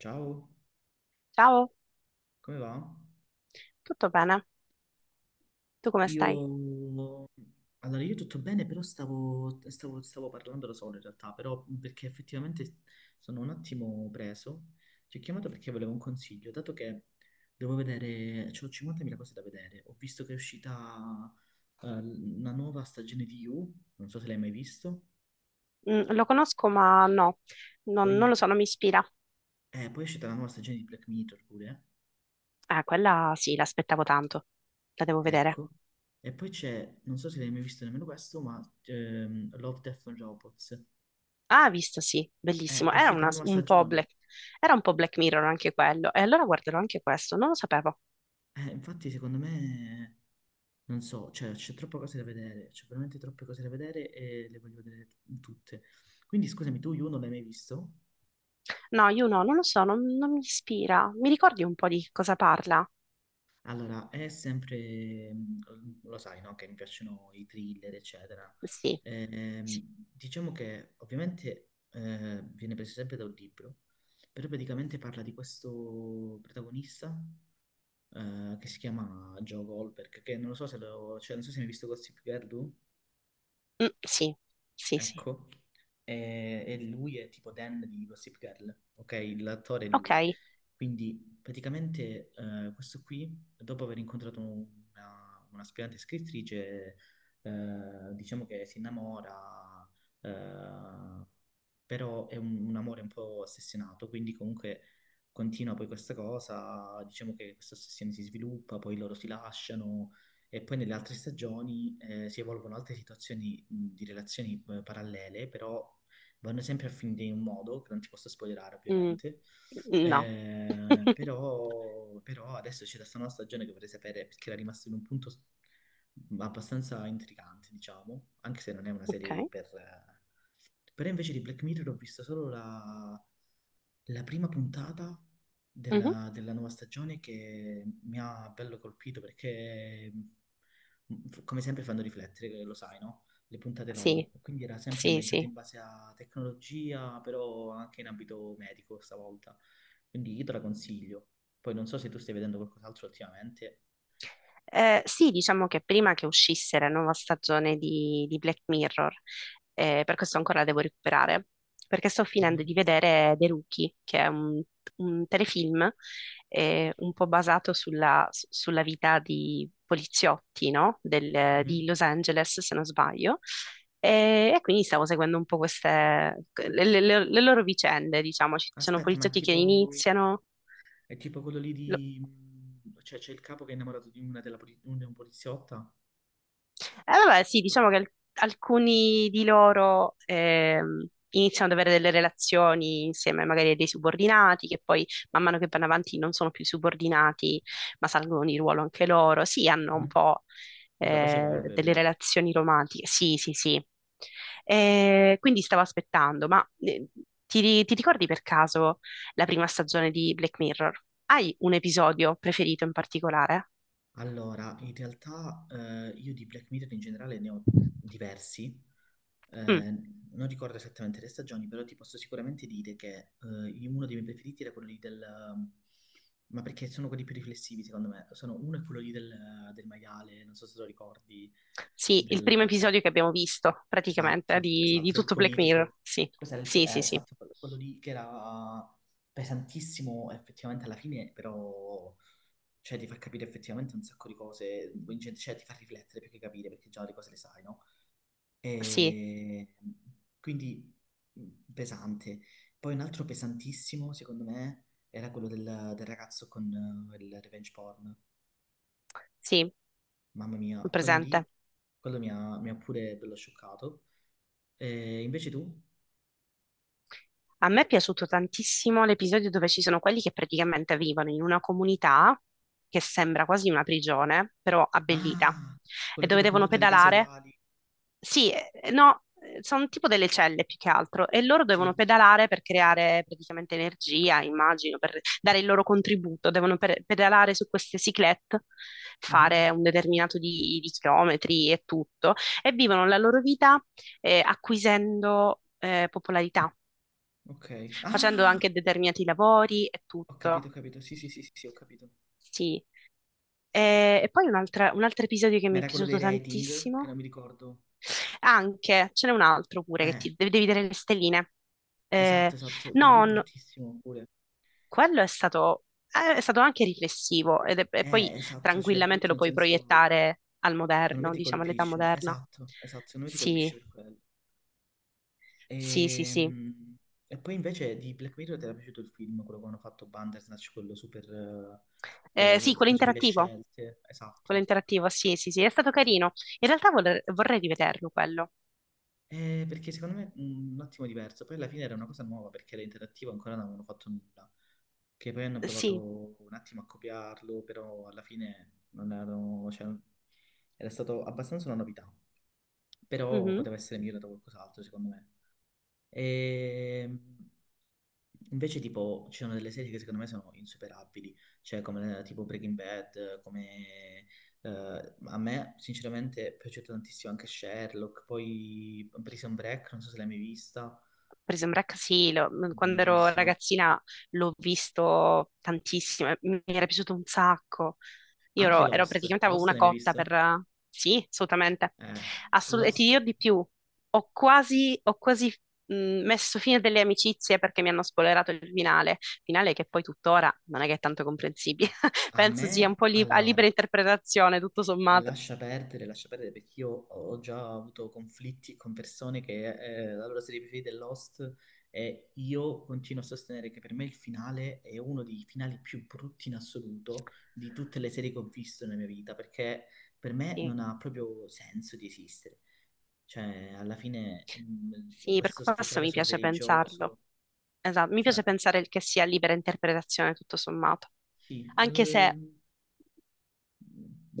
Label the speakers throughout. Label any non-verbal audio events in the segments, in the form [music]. Speaker 1: Ciao,
Speaker 2: Ciao,
Speaker 1: come va?
Speaker 2: tutto bene? Tu come stai?
Speaker 1: Io, allora io tutto bene, però stavo parlando da solo in realtà, però perché effettivamente sono un attimo preso. Ti ho chiamato perché volevo un consiglio, dato che devo vedere, c'ho 50.000 cose da vedere. Ho visto che è uscita una nuova stagione di You, non so se l'hai mai visto.
Speaker 2: Mm, lo conosco, ma no, non
Speaker 1: Poi,
Speaker 2: lo so, non mi ispira.
Speaker 1: poi è uscita la nuova stagione di Black Mirror pure,
Speaker 2: Ah, quella sì, l'aspettavo tanto. La devo vedere.
Speaker 1: ecco. E poi c'è, non so se l'hai mai visto nemmeno questo, ma Love, Death and Robots.
Speaker 2: Ah, visto, sì,
Speaker 1: Eh,
Speaker 2: bellissimo.
Speaker 1: è
Speaker 2: Era
Speaker 1: uscita la
Speaker 2: una-
Speaker 1: nuova
Speaker 2: un po'
Speaker 1: stagione.
Speaker 2: Black, era un po' Black Mirror anche quello. E allora guarderò anche questo, non lo sapevo.
Speaker 1: Infatti, secondo me, non so, cioè, c'è troppe cose da vedere, c'è veramente troppe cose da vedere e le voglio vedere tutte. Quindi, scusami, tu, You non l'hai mai visto?
Speaker 2: No, io no, non lo so, non mi ispira. Mi ricordi un po' di cosa parla?
Speaker 1: Allora, è sempre, lo sai, no? Che mi piacciono i thriller, eccetera.
Speaker 2: Sì, sì,
Speaker 1: Ehm, diciamo che ovviamente viene preso sempre da un libro, però praticamente parla di questo protagonista che si chiama Joe Goldberg, che non lo so se lo, cioè, non so se hai mai visto Gossip Girl tu.
Speaker 2: Mm, sì, sì, sì.
Speaker 1: Ecco, e lui è tipo Dan di Gossip Girl, ok? L'attore è
Speaker 2: Ok.
Speaker 1: lui. Quindi praticamente questo qui, dopo aver incontrato un'aspirante scrittrice, diciamo che si innamora, eh, però è un amore un po' ossessionato, quindi comunque continua poi questa cosa, diciamo che questa ossessione si sviluppa, poi loro si lasciano e poi nelle altre stagioni si evolvono altre situazioni di relazioni parallele, però vanno sempre a finire in un modo, che non ti posso spoilerare
Speaker 2: Mm,
Speaker 1: ovviamente,
Speaker 2: no.
Speaker 1: eh,
Speaker 2: [laughs]
Speaker 1: però, però adesso c'è questa nuova stagione che vorrei sapere perché era rimasta in un punto abbastanza intrigante, diciamo, anche se non è una serie
Speaker 2: Ok.
Speaker 1: però invece di Black Mirror ho visto solo la prima puntata
Speaker 2: Mhm.
Speaker 1: della nuova stagione che mi ha bello colpito perché, come sempre, fanno riflettere, lo sai, no? Le puntate
Speaker 2: Sì,
Speaker 1: loro. Quindi era sempre
Speaker 2: sì,
Speaker 1: ambientata
Speaker 2: sì.
Speaker 1: in base a tecnologia, però anche in ambito medico stavolta. Quindi io te la consiglio. Poi non so se tu stai vedendo qualcos'altro ultimamente.
Speaker 2: Sì, diciamo che prima che uscisse la nuova stagione di Black Mirror, per questo ancora la devo recuperare, perché sto
Speaker 1: Mhm,
Speaker 2: finendo di vedere The Rookie, che è un telefilm un po' basato sulla vita di poliziotti, no?
Speaker 1: mhm.
Speaker 2: Di Los Angeles, se non sbaglio. E quindi stavo seguendo un po' queste, le loro vicende, diciamo. Ci sono
Speaker 1: Aspetta, ma è
Speaker 2: poliziotti che
Speaker 1: tipo...
Speaker 2: iniziano.
Speaker 1: È tipo quello lì di... cioè, c'è il capo che è innamorato di una della poli- un- di un poliziotta.
Speaker 2: Vabbè, sì, diciamo che alcuni di loro iniziano ad avere delle relazioni insieme magari a dei subordinati, che poi man mano che vanno avanti non sono più subordinati, ma salgono di ruolo anche loro. Sì, hanno un
Speaker 1: Mhm.
Speaker 2: po'
Speaker 1: Vabbè, poi si evolve,
Speaker 2: delle
Speaker 1: ovviamente.
Speaker 2: relazioni romantiche. Sì, sì, sì. Quindi stavo aspettando, ma ti ricordi per caso la prima stagione di Black Mirror? Hai un episodio preferito in particolare?
Speaker 1: Allora, in realtà io di Black Mirror in generale ne ho diversi. Eh,
Speaker 2: Mm.
Speaker 1: non ricordo esattamente le stagioni, però ti posso sicuramente dire che uno dei miei preferiti era quello lì del... Ma perché sono quelli più riflessivi, secondo me. Sono, uno è quello lì del maiale, non so se lo ricordi,
Speaker 2: Sì, il
Speaker 1: del...
Speaker 2: primo
Speaker 1: eh,
Speaker 2: episodio che abbiamo visto, praticamente,
Speaker 1: Esatto,
Speaker 2: di
Speaker 1: esatto, il
Speaker 2: tutto Black Mirror.
Speaker 1: politico.
Speaker 2: Sì,
Speaker 1: Questo era
Speaker 2: sì, sì, sì,
Speaker 1: esatto, quello lì che era pesantissimo effettivamente alla fine, però cioè, ti fa capire effettivamente un sacco di cose, cioè ti fa riflettere più che capire perché già le cose le sai, no?
Speaker 2: sì,
Speaker 1: E quindi pesante. Poi un altro pesantissimo, secondo me, era quello del ragazzo con il revenge porn.
Speaker 2: sì,
Speaker 1: Mamma mia, quello lì,
Speaker 2: presente.
Speaker 1: quello mi ha pure bello scioccato. E invece tu?
Speaker 2: A me è piaciuto tantissimo l'episodio dove ci sono quelli che praticamente vivono in una comunità che sembra quasi una prigione, però abbellita,
Speaker 1: Ah,
Speaker 2: e
Speaker 1: quello
Speaker 2: dove
Speaker 1: tipo con
Speaker 2: devono
Speaker 1: tutte le case
Speaker 2: pedalare.
Speaker 1: uguali.
Speaker 2: Sì, no, sono tipo delle celle più che altro e loro devono
Speaker 1: Sì.
Speaker 2: pedalare per creare praticamente energia, immagino, per dare il loro contributo. Devono pedalare su queste cyclette, fare
Speaker 1: Mhm.
Speaker 2: un determinato di chilometri e tutto, e vivono la loro vita acquisendo popolarità,
Speaker 1: Ok.
Speaker 2: facendo
Speaker 1: Ah,
Speaker 2: anche determinati lavori e
Speaker 1: ho capito, ho
Speaker 2: tutto.
Speaker 1: capito. Sì, sì, sì, sì, sì, ho capito.
Speaker 2: Sì. E poi un altro episodio che
Speaker 1: Ma
Speaker 2: mi è
Speaker 1: era quello
Speaker 2: piaciuto
Speaker 1: dei rating, che non
Speaker 2: tantissimo.
Speaker 1: mi ricordo.
Speaker 2: Anche, ce n'è un altro pure che
Speaker 1: Eh,
Speaker 2: ti devi vedere le stelline.
Speaker 1: esatto,
Speaker 2: Eh,
Speaker 1: esatto. Quello lì
Speaker 2: no, no,
Speaker 1: bruttissimo pure.
Speaker 2: quello è stato anche riflessivo e poi
Speaker 1: Esatto, cioè
Speaker 2: tranquillamente
Speaker 1: brutto
Speaker 2: lo
Speaker 1: nel
Speaker 2: puoi
Speaker 1: senso,
Speaker 2: proiettare al
Speaker 1: secondo me
Speaker 2: moderno,
Speaker 1: ti
Speaker 2: diciamo all'età
Speaker 1: colpisce.
Speaker 2: moderna.
Speaker 1: Esatto, esatto, secondo me ti
Speaker 2: Sì,
Speaker 1: colpisce per quello.
Speaker 2: sì, sì, sì.
Speaker 1: Ehm, E, poi invece di Black Mirror ti era piaciuto il film, quello che hanno fatto Bandersnatch, quello super...
Speaker 2: Sì,
Speaker 1: che facevi le scelte.
Speaker 2: quello
Speaker 1: Esatto.
Speaker 2: interattivo, sì, sì, sì, è stato carino. In realtà vorrei rivederlo quello.
Speaker 1: Perché secondo me è un attimo diverso. Poi alla fine era una cosa nuova perché era interattivo, ancora non avevano fatto nulla. Che poi hanno
Speaker 2: Sì.
Speaker 1: provato un attimo a copiarlo, però alla fine non erano, cioè, era stato abbastanza una novità. Però
Speaker 2: Mhm.
Speaker 1: poteva essere migliorato qualcos'altro, secondo me. E invece, tipo, ci sono delle serie che secondo me sono insuperabili, cioè come tipo Breaking Bad, come a me sinceramente è piaciuto tantissimo anche Sherlock, poi Prison Break, non so se l'hai mai vista,
Speaker 2: Prison Break sì, quando ero
Speaker 1: bellissimo.
Speaker 2: ragazzina l'ho visto tantissimo, mi era piaciuto un sacco. Io
Speaker 1: Anche
Speaker 2: ero
Speaker 1: Lost,
Speaker 2: praticamente avevo
Speaker 1: Lost
Speaker 2: una
Speaker 1: l'hai mai
Speaker 2: cotta
Speaker 1: visto?
Speaker 2: per... Sì, assolutamente.
Speaker 1: Eh,
Speaker 2: E ti
Speaker 1: Lost
Speaker 2: dirò di più, ho quasi mh, messo fine delle amicizie perché mi hanno spoilerato il finale, finale che poi tuttora non è che è tanto comprensibile. [laughs]
Speaker 1: a
Speaker 2: Penso sia
Speaker 1: me,
Speaker 2: un po' a libera
Speaker 1: allora,
Speaker 2: interpretazione, tutto sommato.
Speaker 1: lascia perdere, lascia perdere perché io ho già avuto conflitti con persone che la loro serie preferita è Lost e io continuo a sostenere che per me il finale è uno dei finali più brutti in assoluto di tutte le serie che ho visto nella mia vita perché per me
Speaker 2: Sì.
Speaker 1: non ha proprio senso di esistere. Cioè, alla fine
Speaker 2: Sì, per
Speaker 1: questo
Speaker 2: questo
Speaker 1: sfociare
Speaker 2: mi
Speaker 1: sul
Speaker 2: piace pensarlo.
Speaker 1: religioso,
Speaker 2: Esatto, mi
Speaker 1: cioè,
Speaker 2: piace pensare che sia libera interpretazione tutto sommato,
Speaker 1: sì,
Speaker 2: anche se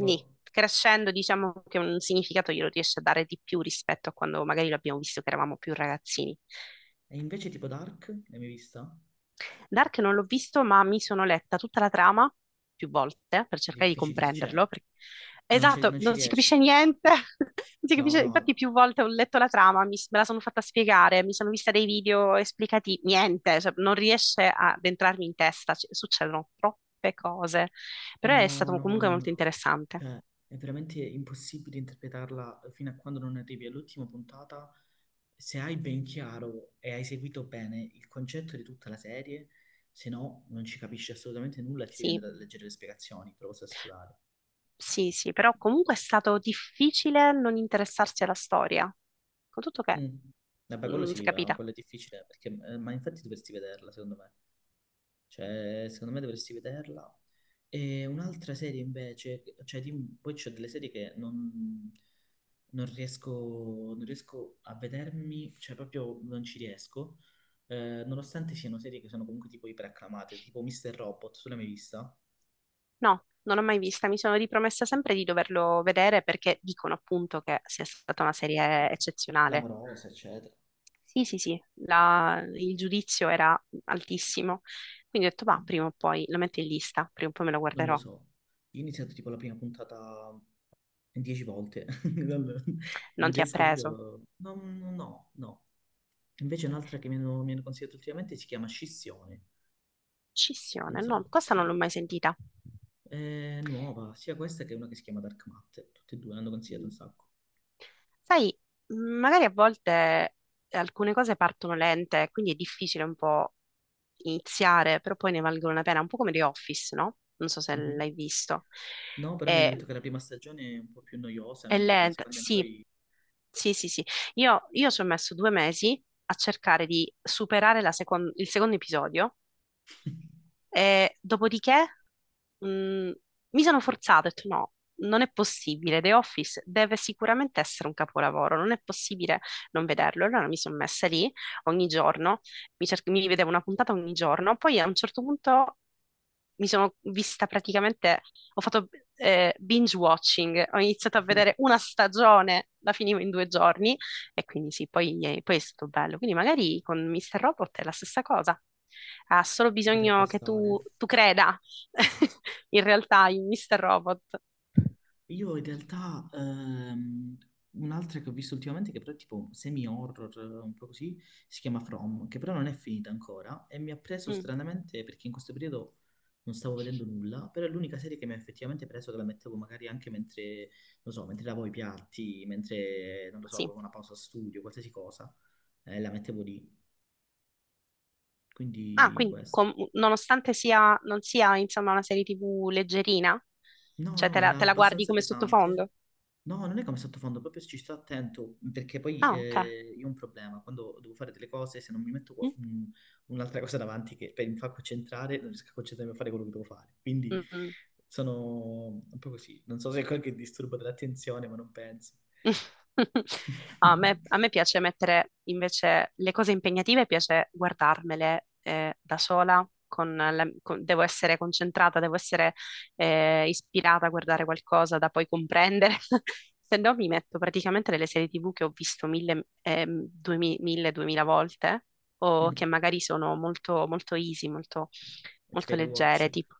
Speaker 1: boh.
Speaker 2: crescendo diciamo che un significato glielo riesce a dare di più rispetto a quando magari lo abbiamo visto che eravamo più ragazzini.
Speaker 1: E invece tipo Dark, l'hai mai vista?
Speaker 2: Dark non l'ho visto, ma mi sono letta tutta la trama più volte per cercare di
Speaker 1: Difficili, cioè,
Speaker 2: comprenderlo.
Speaker 1: non ci
Speaker 2: Esatto,
Speaker 1: non ci
Speaker 2: non si capisce
Speaker 1: riesci.
Speaker 2: niente. [laughs] non si
Speaker 1: No,
Speaker 2: capisce- Infatti,
Speaker 1: no,
Speaker 2: più volte ho letto la trama, me la sono fatta spiegare, mi sono vista dei video esplicativi, niente, cioè, non riesce ad entrarmi in testa, succedono troppe cose. Però è
Speaker 1: no,
Speaker 2: stato
Speaker 1: no,
Speaker 2: comunque
Speaker 1: no, no,
Speaker 2: molto
Speaker 1: no.
Speaker 2: interessante.
Speaker 1: Cioè, è veramente impossibile interpretarla fino a quando non arrivi all'ultima puntata. Se hai ben chiaro e hai seguito bene il concetto di tutta la serie, se no non ci capisci assolutamente nulla e ti devi
Speaker 2: Sì,
Speaker 1: andare a leggere le spiegazioni, te lo posso assicurare.
Speaker 2: sì, sì, però comunque è stato difficile non interessarsi alla storia, con tutto che,
Speaker 1: Mm. Vabbè, quello
Speaker 2: si è
Speaker 1: sì, va,
Speaker 2: capita.
Speaker 1: quello è difficile, perché, ma infatti dovresti vederla, secondo me. Cioè, secondo me dovresti vederla. E un'altra serie invece, cioè, poi c'è delle serie che non, non riesco, non riesco a vedermi, cioè proprio non ci riesco, nonostante siano serie che sono comunque tipo iperacclamate, tipo Mr. Robot, tu l'hai mai vista?
Speaker 2: No, non l'ho mai vista, mi sono ripromessa sempre di doverlo vedere perché dicono appunto che sia stata una
Speaker 1: Sì.
Speaker 2: serie eccezionale.
Speaker 1: Clamorosa, eccetera.
Speaker 2: Sì, sì, sì, il giudizio era altissimo, quindi ho detto, va, prima o poi lo metto in lista, prima o poi me lo
Speaker 1: Non lo
Speaker 2: guarderò.
Speaker 1: so. Io ho iniziato tipo la prima puntata 10 volte, [laughs] non,
Speaker 2: Non
Speaker 1: non
Speaker 2: ti ha
Speaker 1: riesco
Speaker 2: preso.
Speaker 1: proprio... No, no, no. No. Invece un'altra che mi hanno consigliato ultimamente si chiama Scissione, non
Speaker 2: Scissione,
Speaker 1: so,
Speaker 2: no, questa
Speaker 1: sì.
Speaker 2: non l'ho mai sentita.
Speaker 1: È nuova, sia questa che una che si chiama Dark Matter, tutte e due l'hanno consigliato un
Speaker 2: Mm.
Speaker 1: sacco.
Speaker 2: Sai, magari a volte alcune cose partono lente, quindi è difficile un po' iniziare, però poi ne valgono la pena, un po' come The Office, no? Non so se
Speaker 1: Mhm.
Speaker 2: l'hai visto.
Speaker 1: No, però mi hanno
Speaker 2: È,
Speaker 1: detto che la prima stagione è un po' più noiosa,
Speaker 2: è
Speaker 1: mentre dalla
Speaker 2: lenta,
Speaker 1: seconda in
Speaker 2: sì,
Speaker 1: poi
Speaker 2: sì, sì, sì. Io ci ho messo due mesi a cercare di superare la il secondo episodio e dopodiché mh, mi sono forzata, ho detto no, non è possibile, The Office deve sicuramente essere un capolavoro, non è possibile non vederlo. Allora mi sono messa lì ogni giorno, mi vedevo una puntata ogni giorno, poi a un certo punto mi sono vista praticamente, ho fatto binge watching, ho iniziato a vedere una stagione, la finivo in due giorni, e quindi sì, poi, poi è stato bello. Quindi magari con Mr. Robot è la stessa cosa. Ha solo
Speaker 1: ci potrebbe
Speaker 2: bisogno che
Speaker 1: stare.
Speaker 2: tu creda, [laughs] in realtà, in Mr. Robot.
Speaker 1: Io in realtà un'altra che ho visto ultimamente che però è tipo semi-horror, un po' così, si chiama From, che però non è finita ancora e mi ha preso
Speaker 2: Mm,
Speaker 1: stranamente perché in questo periodo non stavo vedendo nulla, però è l'unica serie che mi ha effettivamente preso che la mettevo magari anche mentre, non so, mentre lavo i piatti, mentre, non lo so,
Speaker 2: sì.
Speaker 1: avevo una pausa studio, qualsiasi cosa, la mettevo lì,
Speaker 2: Ah,
Speaker 1: quindi
Speaker 2: quindi
Speaker 1: questo.
Speaker 2: nonostante sia, non sia insomma una serie TV leggerina,
Speaker 1: No,
Speaker 2: cioè
Speaker 1: no, era
Speaker 2: te la guardi
Speaker 1: abbastanza
Speaker 2: come
Speaker 1: pesante.
Speaker 2: sottofondo.
Speaker 1: No, non è come sottofondo, proprio ci sto attento, perché poi
Speaker 2: Ah, ok.
Speaker 1: io ho un problema, quando devo fare delle cose, se non mi metto
Speaker 2: Mm,
Speaker 1: un'altra cosa davanti che mi fa concentrare, non riesco a concentrarmi a fare quello che devo fare. Quindi
Speaker 2: mm, mm.
Speaker 1: sono un po' così, non so se è qualche disturbo dell'attenzione, ma non penso.
Speaker 2: [laughs] A me,
Speaker 1: [laughs]
Speaker 2: a me piace mettere invece le cose impegnative, piace guardarmele da sola, devo essere concentrata, devo essere ispirata a guardare qualcosa da poi comprendere, [laughs] se no mi metto praticamente delle serie TV che ho visto mille, mille, duemila volte o che magari sono molto, molto easy, molto,
Speaker 1: Ti fai
Speaker 2: molto
Speaker 1: le
Speaker 2: leggere,
Speaker 1: watch?
Speaker 2: tipo...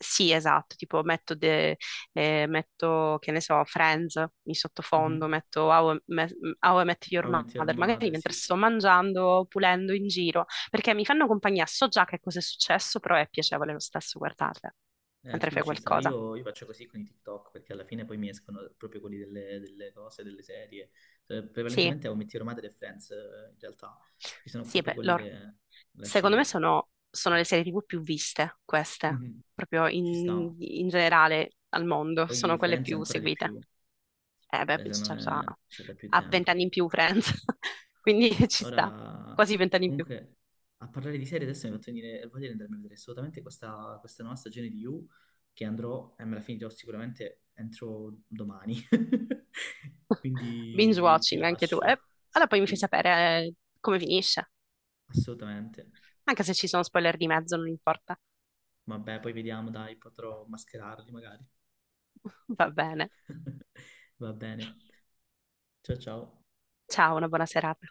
Speaker 2: Sì, esatto, tipo metto metto, che ne so, Friends in sottofondo,
Speaker 1: Mhm.
Speaker 2: metto How I Met Your
Speaker 1: How I Met Your
Speaker 2: Mother, magari
Speaker 1: Mother,
Speaker 2: mentre
Speaker 1: sì, sì.
Speaker 2: sto mangiando, pulendo in giro, perché mi fanno compagnia, so già che cosa è successo, però è piacevole lo stesso guardarle mentre
Speaker 1: Quello
Speaker 2: fai
Speaker 1: ci sta.
Speaker 2: qualcosa.
Speaker 1: Io faccio così con i TikTok perché alla fine poi mi escono proprio quelli delle, delle cose, delle serie. Eh,
Speaker 2: Sì,
Speaker 1: prevalentemente ho Metti Romate e Friends, in realtà, che sono
Speaker 2: sì,
Speaker 1: proprio
Speaker 2: beh,
Speaker 1: quelli
Speaker 2: loro.
Speaker 1: che lasci
Speaker 2: Secondo me
Speaker 1: lì.
Speaker 2: sono le serie TV più viste, queste,
Speaker 1: Mhm.
Speaker 2: proprio
Speaker 1: Ci sta.
Speaker 2: in generale al mondo,
Speaker 1: Poi
Speaker 2: sono quelle
Speaker 1: Friends
Speaker 2: più
Speaker 1: ancora di
Speaker 2: seguite.
Speaker 1: più,
Speaker 2: Eh beh,
Speaker 1: secondo
Speaker 2: certo,
Speaker 1: me c'è da più
Speaker 2: ha
Speaker 1: tempo.
Speaker 2: vent'anni in più Friends, [laughs] quindi ci sta,
Speaker 1: Ora,
Speaker 2: quasi vent'anni in più.
Speaker 1: comunque, a parlare di serie adesso mi ha fatto venire voglia di andarmi a vedere assolutamente questa, nuova stagione di You, che andrò e me la finirò sicuramente entro domani. [laughs]
Speaker 2: Binge
Speaker 1: Quindi ti
Speaker 2: watching anche tu.
Speaker 1: lascio.
Speaker 2: Allora poi mi fai
Speaker 1: Sì,
Speaker 2: sapere eh, come finisce.
Speaker 1: assolutamente.
Speaker 2: Anche se ci sono spoiler di mezzo, non importa.
Speaker 1: Vabbè, poi vediamo, dai, potrò mascherarli magari.
Speaker 2: [laughs] Va bene.
Speaker 1: [laughs] Va bene. Ciao ciao.
Speaker 2: Ciao, una buona serata.